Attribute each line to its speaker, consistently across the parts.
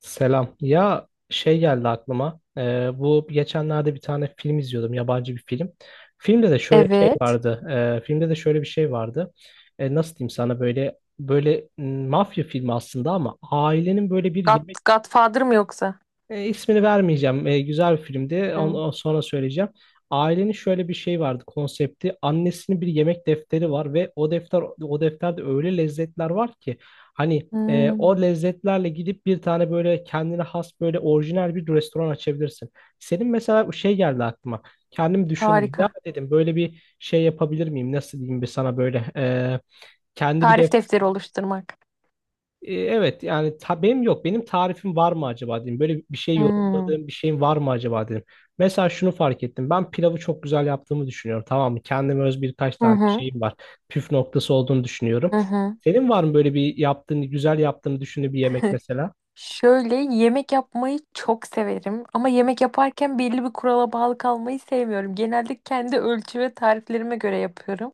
Speaker 1: Selam. Ya şey geldi aklıma. Bu geçenlerde bir tane film izliyordum. Yabancı bir film. Filmde de
Speaker 2: Evet.
Speaker 1: şöyle bir şey vardı. Nasıl diyeyim sana böyle mafya filmi aslında ama ailenin böyle bir
Speaker 2: God,
Speaker 1: yemek
Speaker 2: Godfather mı yoksa?
Speaker 1: ismini vermeyeceğim. Güzel bir filmdi.
Speaker 2: Hmm.
Speaker 1: Onu sonra söyleyeceğim. Ailenin şöyle bir şey vardı konsepti. Annesinin bir yemek defteri var ve o defterde öyle lezzetler var ki hani o
Speaker 2: Hmm,
Speaker 1: lezzetlerle gidip bir tane böyle kendine has böyle orijinal bir restoran açabilirsin. Senin mesela şey geldi aklıma. Kendim düşündüm. Ya
Speaker 2: harika.
Speaker 1: dedim böyle bir şey yapabilir miyim? Nasıl diyeyim bir sana böyle e, kendi bir
Speaker 2: Tarif defteri oluşturmak.
Speaker 1: e, Evet yani ta, benim yok. Benim tarifim var mı acaba dedim. Böyle bir şey
Speaker 2: Hmm.
Speaker 1: yorumladığım bir şeyim var mı acaba dedim. Mesela şunu fark ettim. Ben pilavı çok güzel yaptığımı düşünüyorum. Tamam mı? Kendime öz birkaç
Speaker 2: Hı
Speaker 1: tane
Speaker 2: hı.
Speaker 1: şeyim var. Püf noktası olduğunu düşünüyorum.
Speaker 2: Hı hı.
Speaker 1: Senin var mı böyle bir yaptığını, güzel yaptığını düşündüğün bir yemek mesela?
Speaker 2: Şöyle yemek yapmayı çok severim ama yemek yaparken belli bir kurala bağlı kalmayı sevmiyorum. Genelde kendi ölçü ve tariflerime göre yapıyorum.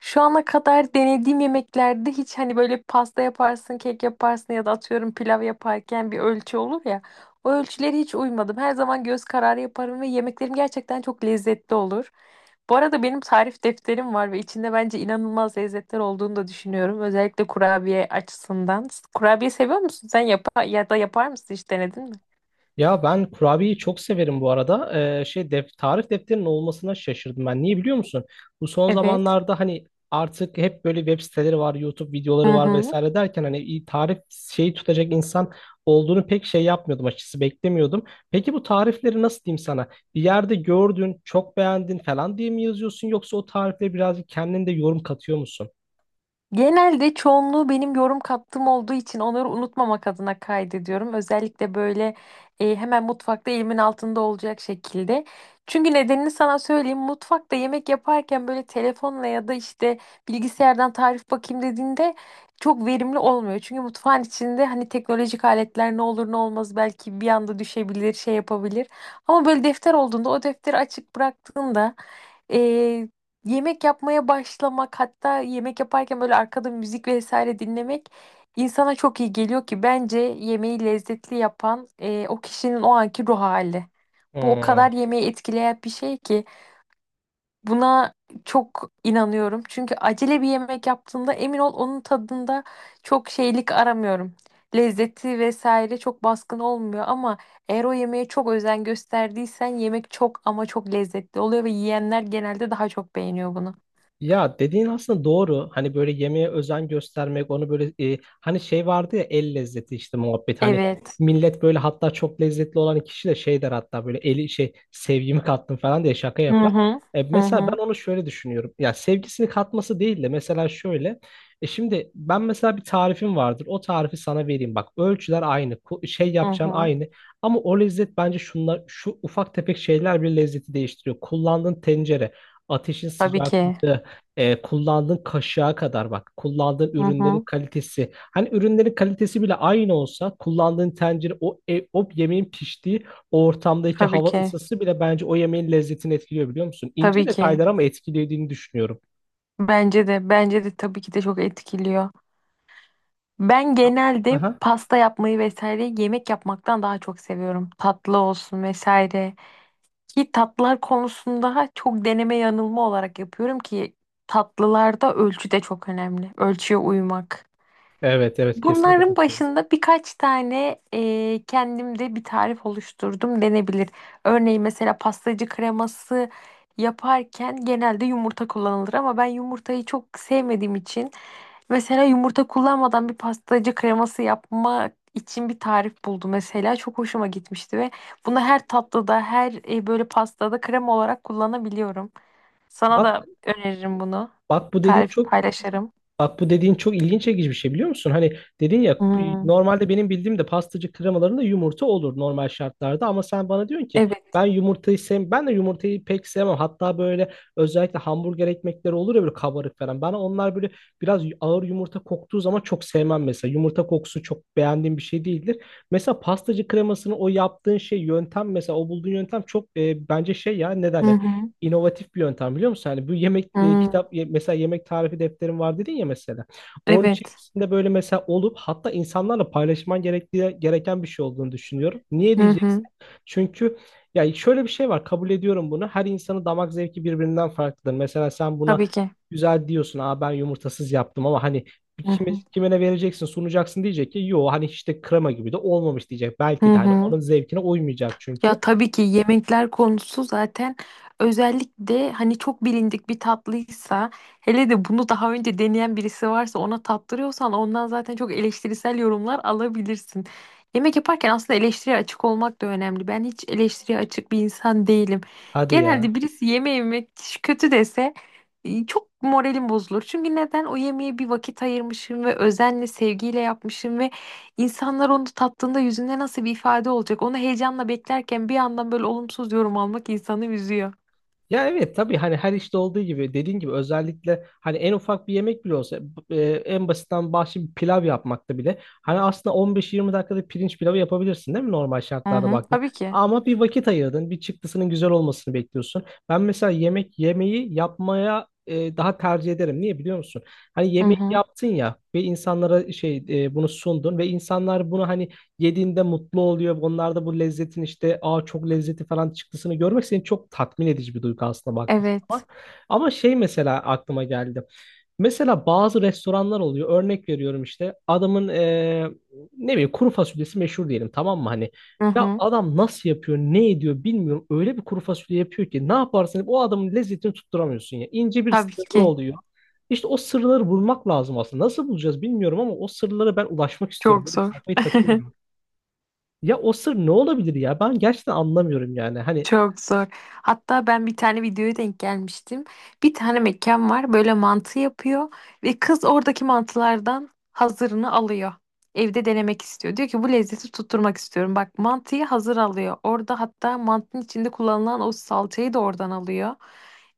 Speaker 2: Şu ana kadar denediğim yemeklerde hiç hani böyle pasta yaparsın, kek yaparsın ya da atıyorum pilav yaparken bir ölçü olur ya. O ölçülere hiç uymadım. Her zaman göz kararı yaparım ve yemeklerim gerçekten çok lezzetli olur. Bu arada benim tarif defterim var ve içinde bence inanılmaz lezzetler olduğunu da düşünüyorum. Özellikle kurabiye açısından. Kurabiye seviyor musun? Sen yapa ya da yapar mısın? Hiç denedin mi?
Speaker 1: Ya ben kurabiyeyi çok severim bu arada. Şey def tarif defterinin olmasına şaşırdım ben. Niye biliyor musun? Bu son
Speaker 2: Evet.
Speaker 1: zamanlarda hani artık hep böyle web siteleri var, YouTube videoları
Speaker 2: Hı
Speaker 1: var
Speaker 2: hı.
Speaker 1: vesaire derken hani iyi tarif şeyi tutacak insan olduğunu pek şey yapmıyordum, açıkçası beklemiyordum. Peki bu tarifleri nasıl diyeyim sana? Bir yerde gördün, çok beğendin falan diye mi yazıyorsun, yoksa o tarifleri birazcık kendin de yorum katıyor musun?
Speaker 2: Genelde çoğunluğu benim yorum kattığım olduğu için onları unutmamak adına kaydediyorum. Özellikle böyle hemen mutfakta elimin altında olacak şekilde. Çünkü nedenini sana söyleyeyim. Mutfakta yemek yaparken böyle telefonla ya da işte bilgisayardan tarif bakayım dediğinde çok verimli olmuyor. Çünkü mutfağın içinde hani teknolojik aletler ne olur ne olmaz belki bir anda düşebilir, şey yapabilir. Ama böyle defter olduğunda o defteri açık bıraktığında ee, yemek yapmaya başlamak, hatta yemek yaparken böyle arkada müzik vesaire dinlemek insana çok iyi geliyor ki bence yemeği lezzetli yapan o kişinin o anki ruh hali. Bu o
Speaker 1: Hmm.
Speaker 2: kadar yemeği etkileyen bir şey ki. Buna çok inanıyorum. Çünkü acele bir yemek yaptığımda emin ol onun tadında çok şeylik aramıyorum. Lezzeti vesaire çok baskın olmuyor, ama eğer o yemeğe çok özen gösterdiysen yemek çok ama çok lezzetli oluyor ve yiyenler genelde daha çok beğeniyor bunu.
Speaker 1: Ya dediğin aslında doğru. Hani böyle yemeğe özen göstermek, onu böyle, hani şey vardı ya, el lezzeti işte, muhabbet. Hani evet,
Speaker 2: Evet.
Speaker 1: millet böyle, hatta çok lezzetli olan kişi de şey der, hatta böyle eli şey sevgimi kattım falan diye şaka
Speaker 2: Hı
Speaker 1: yapar.
Speaker 2: hı.
Speaker 1: E,
Speaker 2: Hı
Speaker 1: mesela ben
Speaker 2: hı.
Speaker 1: onu şöyle düşünüyorum. Ya sevgisini katması değil de mesela şöyle. E şimdi ben mesela bir tarifim vardır. O tarifi sana vereyim. Bak ölçüler aynı,
Speaker 2: Hı
Speaker 1: yapacağın
Speaker 2: hı.
Speaker 1: aynı. Ama o lezzet bence şunlar, şu ufak tefek şeyler bile lezzeti değiştiriyor. Kullandığın tencere, ateşin
Speaker 2: Tabii
Speaker 1: sıcaklığı,
Speaker 2: ki.
Speaker 1: kullandığın kaşığa kadar bak. Kullandığın
Speaker 2: Hı
Speaker 1: ürünlerin
Speaker 2: hı.
Speaker 1: kalitesi. Hani ürünlerin kalitesi bile aynı olsa kullandığın tencere, o yemeğin piştiği o ortamdaki
Speaker 2: Tabii
Speaker 1: hava
Speaker 2: ki.
Speaker 1: ısısı bile bence o yemeğin lezzetini etkiliyor biliyor musun? İnce
Speaker 2: Tabii ki.
Speaker 1: detaylar ama etkilediğini düşünüyorum.
Speaker 2: Bence de tabii ki de çok etkiliyor. Ben genelde
Speaker 1: Aha.
Speaker 2: pasta yapmayı vesaire yemek yapmaktan daha çok seviyorum. Tatlı olsun vesaire. Ki tatlılar konusunda çok deneme yanılma olarak yapıyorum ki tatlılarda ölçü de çok önemli. Ölçüye uymak.
Speaker 1: Evet, evet, kesinlikle
Speaker 2: Bunların
Speaker 1: katılıyorum.
Speaker 2: başında birkaç tane kendimde bir tarif oluşturdum denebilir. Örneğin mesela pastacı kreması yaparken genelde yumurta kullanılır ama ben yumurtayı çok sevmediğim için, mesela yumurta kullanmadan bir pastacı kreması yapmak için bir tarif buldu mesela. Çok hoşuma gitmişti ve bunu her tatlıda, her böyle pastada krem olarak kullanabiliyorum. Sana da
Speaker 1: Bak,
Speaker 2: öneririm bunu.
Speaker 1: bak bu dediğin
Speaker 2: Tarif
Speaker 1: çok
Speaker 2: paylaşırım.
Speaker 1: Bak bu dediğin çok ilginç, çekici bir şey biliyor musun? Hani dedin ya,
Speaker 2: Hmm,
Speaker 1: normalde benim bildiğim de pastacı kremalarında yumurta olur normal şartlarda, ama sen bana diyorsun ki
Speaker 2: evet.
Speaker 1: ben yumurtayı sev, ben de yumurtayı pek sevmem. Hatta böyle özellikle hamburger ekmekleri olur ya, böyle kabarık falan. Ben onlar böyle biraz ağır yumurta koktuğu zaman çok sevmem mesela. Yumurta kokusu çok beğendiğim bir şey değildir. Mesela pastacı kremasını o yaptığın yöntem, mesela o bulduğun yöntem çok bence şey, ya ne
Speaker 2: Hı
Speaker 1: derler?
Speaker 2: hı.
Speaker 1: İnovatif bir yöntem biliyor musun? Hani bu yemek e,
Speaker 2: Hmm,
Speaker 1: kitap ye- mesela yemek tarifi defterim var dedin ya mesela. Onun
Speaker 2: evet.
Speaker 1: içerisinde böyle mesela olup hatta insanlarla paylaşman gerektiği gereken bir şey olduğunu düşünüyorum. Niye
Speaker 2: Hı
Speaker 1: diyeceksin?
Speaker 2: hı.
Speaker 1: Çünkü ya şöyle bir şey var, kabul ediyorum bunu. Her insanın damak zevki birbirinden farklıdır. Mesela sen buna
Speaker 2: Tabii ki.
Speaker 1: güzel diyorsun. Aa ben yumurtasız yaptım ama hani
Speaker 2: Hı
Speaker 1: kime,
Speaker 2: hı.
Speaker 1: kime ne vereceksin, sunacaksın diyecek ki yo hani işte krema gibi de olmamış diyecek. Belki
Speaker 2: Hı
Speaker 1: de hani
Speaker 2: hı.
Speaker 1: onun zevkine uymayacak çünkü.
Speaker 2: Ya tabii ki yemekler konusu zaten, özellikle hani çok bilindik bir tatlıysa, hele de bunu daha önce deneyen birisi varsa ona tattırıyorsan, ondan zaten çok eleştirisel yorumlar alabilirsin. Yemek yaparken aslında eleştiriye açık olmak da önemli. Ben hiç eleştiriye açık bir insan değilim.
Speaker 1: Hadi ya.
Speaker 2: Genelde birisi yemeği yemek kötü dese çok moralim bozulur. Çünkü neden? O yemeğe bir vakit ayırmışım ve özenle, sevgiyle yapmışım ve İnsanlar onu tattığında yüzünde nasıl bir ifade olacak? Onu heyecanla beklerken bir yandan böyle olumsuz yorum almak insanı üzüyor.
Speaker 1: Ya evet tabii, hani her işte olduğu gibi dediğin gibi özellikle hani en ufak bir yemek bile olsa, en basitten bahşiş bir pilav yapmakta bile hani aslında 15-20 dakikada pirinç pilavı yapabilirsin değil mi normal
Speaker 2: Hı
Speaker 1: şartlarda
Speaker 2: hı,
Speaker 1: baktığında,
Speaker 2: tabii ki.
Speaker 1: ama bir vakit ayırdın, bir çıktısının güzel olmasını bekliyorsun. Ben mesela yemek yemeği yapmaya daha tercih ederim. Niye biliyor musun? Hani
Speaker 2: Hı
Speaker 1: yemeği
Speaker 2: hı,
Speaker 1: yaptın ya ve insanlara bunu sundun ve insanlar bunu hani yediğinde mutlu oluyor. Onlar da bu lezzetin işte aa çok lezzeti falan çıktısını görmek seni çok tatmin edici bir duygu aslında baktığın zaman.
Speaker 2: evet.
Speaker 1: Ama şey mesela aklıma geldi. Mesela bazı restoranlar oluyor. Örnek veriyorum işte adamın ne bileyim kuru fasulyesi meşhur diyelim tamam mı hani.
Speaker 2: Hı
Speaker 1: Ya
Speaker 2: hı,
Speaker 1: adam nasıl yapıyor, ne ediyor bilmiyorum. Öyle bir kuru fasulye yapıyor ki ne yaparsan yap, o adamın lezzetini tutturamıyorsun ya. İnce bir
Speaker 2: tabii
Speaker 1: sırrı
Speaker 2: ki.
Speaker 1: oluyor. İşte o sırları bulmak lazım aslında. Nasıl bulacağız bilmiyorum ama o sırlara ben ulaşmak istiyorum.
Speaker 2: Çok
Speaker 1: Böyle
Speaker 2: zor.
Speaker 1: kafayı takıyorum. Ya o sır ne olabilir ya? Ben gerçekten anlamıyorum yani. Hani
Speaker 2: Çok zor. Hatta ben bir tane videoya denk gelmiştim. Bir tane mekan var, böyle mantı yapıyor ve kız oradaki mantılardan hazırını alıyor. Evde denemek istiyor. Diyor ki, bu lezzeti tutturmak istiyorum. Bak, mantıyı hazır alıyor. Orada hatta mantının içinde kullanılan o salçayı da oradan alıyor.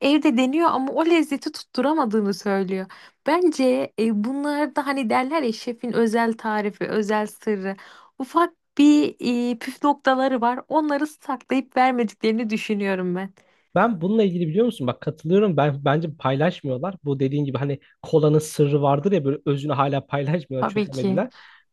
Speaker 2: Evde deniyor ama o lezzeti tutturamadığını söylüyor. Bence bunlar da hani derler ya, şefin özel tarifi, özel sırrı. Ufak bir püf noktaları var. Onları saklayıp vermediklerini düşünüyorum ben.
Speaker 1: ben bununla ilgili biliyor musun? Bak katılıyorum. Ben bence paylaşmıyorlar. Bu dediğin gibi hani kolanın sırrı vardır ya, böyle özünü hala paylaşmıyorlar,
Speaker 2: Tabii ki.
Speaker 1: çözemediler.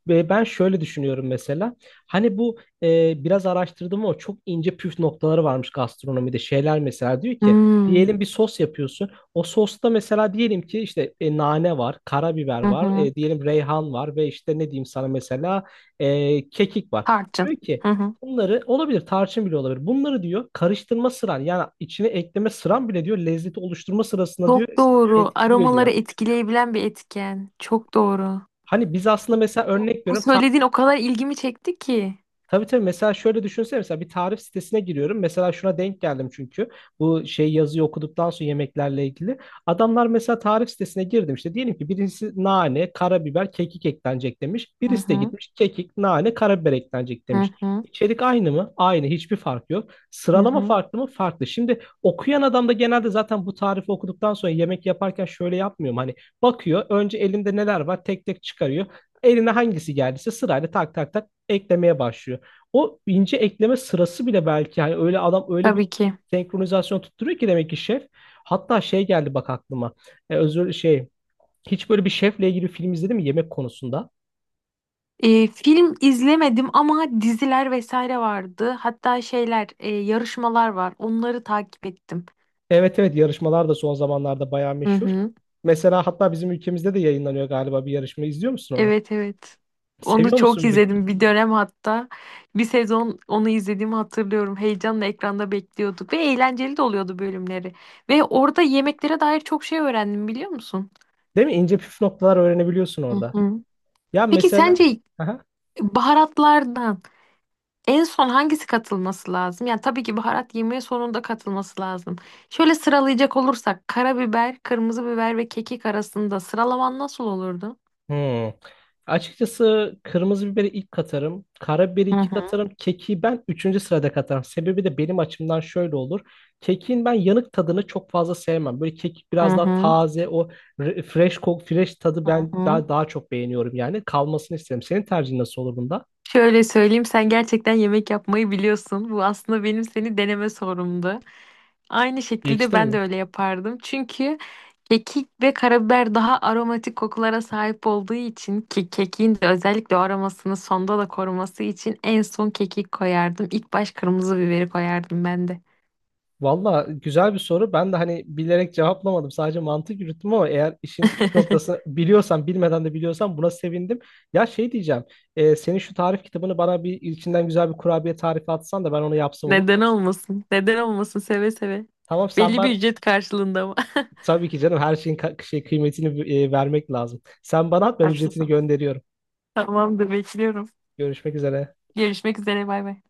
Speaker 1: Ve ben şöyle düşünüyorum mesela. Hani bu biraz araştırdım, o çok ince püf noktaları varmış gastronomide. Şeyler mesela diyor ki,
Speaker 2: Hmm.
Speaker 1: diyelim bir sos yapıyorsun. O sosta mesela diyelim ki işte nane var, karabiber
Speaker 2: Hı
Speaker 1: var,
Speaker 2: hı.
Speaker 1: diyelim reyhan var ve işte ne diyeyim sana mesela kekik var.
Speaker 2: Tarçın.
Speaker 1: Diyor ki
Speaker 2: Hı hı.
Speaker 1: bunları olabilir tarçın bile olabilir. Bunları diyor karıştırma sıran, yani içine ekleme sıran bile diyor lezzeti oluşturma sırasında diyor
Speaker 2: Çok doğru.
Speaker 1: etkiliyor
Speaker 2: Aromaları
Speaker 1: diyor.
Speaker 2: etkileyebilen bir etken. Çok doğru.
Speaker 1: Hani biz aslında mesela
Speaker 2: Bu,
Speaker 1: örnek
Speaker 2: bu
Speaker 1: veriyorum,
Speaker 2: söylediğin o kadar ilgimi çekti ki.
Speaker 1: tabii tabii mesela şöyle düşünsene, mesela bir tarif sitesine giriyorum. Mesela şuna denk geldim, çünkü bu yazıyı okuduktan sonra yemeklerle ilgili. Adamlar mesela tarif sitesine girdim, işte diyelim ki birisi nane, karabiber, kekik eklenecek demiş.
Speaker 2: Hı
Speaker 1: Birisi de
Speaker 2: hı.
Speaker 1: gitmiş kekik, nane, karabiber eklenecek
Speaker 2: Hı
Speaker 1: demiş.
Speaker 2: hı.
Speaker 1: İçerik aynı mı? Aynı. Hiçbir fark yok.
Speaker 2: Hı
Speaker 1: Sıralama
Speaker 2: hı.
Speaker 1: farklı mı? Farklı. Şimdi okuyan adam da genelde zaten bu tarifi okuduktan sonra yemek yaparken şöyle yapmıyorum. Hani bakıyor önce elimde neler var tek tek çıkarıyor. Eline hangisi geldiyse sırayla tak tak tak eklemeye başlıyor. O ince ekleme sırası bile belki hani öyle adam öyle bir
Speaker 2: Tabii ki.
Speaker 1: senkronizasyon tutturuyor ki, demek ki şef. Hatta şey geldi bak aklıma. E, özür şey hiç böyle bir şefle ilgili film izledin mi yemek konusunda?
Speaker 2: E, film izlemedim ama diziler vesaire vardı. Hatta şeyler, yarışmalar var. Onları takip ettim.
Speaker 1: Evet, evet, yarışmalar da son zamanlarda bayağı
Speaker 2: Hı
Speaker 1: meşhur.
Speaker 2: hı.
Speaker 1: Mesela hatta bizim ülkemizde de yayınlanıyor galiba bir yarışma. İzliyor musun onu?
Speaker 2: Evet, evet. Onu
Speaker 1: Seviyor
Speaker 2: çok
Speaker 1: musun peki?
Speaker 2: izledim bir dönem hatta. Bir sezon onu izlediğimi hatırlıyorum. Heyecanla ekranda bekliyorduk ve eğlenceli de oluyordu bölümleri. Ve orada yemeklere dair çok şey öğrendim, biliyor musun?
Speaker 1: Değil mi? İnce püf noktalar öğrenebiliyorsun
Speaker 2: Hı
Speaker 1: orada.
Speaker 2: hı.
Speaker 1: Ya
Speaker 2: Peki
Speaker 1: mesela
Speaker 2: sence baharatlardan en son hangisi katılması lazım? Yani tabii ki baharat yemeğe sonunda katılması lazım. Şöyle sıralayacak olursak, karabiber, kırmızı biber ve kekik arasında sıralaman nasıl olurdu?
Speaker 1: Hmm. Açıkçası kırmızı biberi ilk katarım. Karabiberi
Speaker 2: Hı
Speaker 1: iki
Speaker 2: hı.
Speaker 1: katarım. Keki ben üçüncü sırada katarım. Sebebi de benim açımdan şöyle olur. Kekin ben yanık tadını çok fazla sevmem. Böyle kek
Speaker 2: Hı
Speaker 1: biraz daha
Speaker 2: hı.
Speaker 1: taze, o fresh kok, fresh tadı
Speaker 2: Hı
Speaker 1: ben
Speaker 2: hı.
Speaker 1: daha çok beğeniyorum yani. Kalmasını isterim. Senin tercihin nasıl olur bunda?
Speaker 2: Şöyle söyleyeyim, sen gerçekten yemek yapmayı biliyorsun. Bu aslında benim seni deneme sorumdu. Aynı şekilde
Speaker 1: Geçtim
Speaker 2: ben de
Speaker 1: mi?
Speaker 2: öyle yapardım. Çünkü kekik ve karabiber daha aromatik kokulara sahip olduğu için, ki kekiğin de özellikle o aromasını sonda da koruması için en son kekik koyardım. İlk baş kırmızı biberi koyardım ben de.
Speaker 1: Valla güzel bir soru. Ben de hani bilerek cevaplamadım. Sadece mantık yürüttüm, ama eğer işin püf noktasını biliyorsan, bilmeden de biliyorsan buna sevindim. Ya şey diyeceğim. Senin şu tarif kitabını bana bir içinden güzel bir kurabiye tarifi atsan da ben onu yapsam olur mu?
Speaker 2: Neden olmasın? Neden olmasın? Seve seve.
Speaker 1: Tamam sen
Speaker 2: Belli bir
Speaker 1: bana,
Speaker 2: ücret karşılığında ama.
Speaker 1: tabii ki canım her şeyin kıymetini vermek lazım. Sen bana at, ben ücretini
Speaker 2: Haklısın.
Speaker 1: gönderiyorum.
Speaker 2: Tamamdır, bekliyorum.
Speaker 1: Görüşmek üzere.
Speaker 2: Görüşmek üzere, bay bay.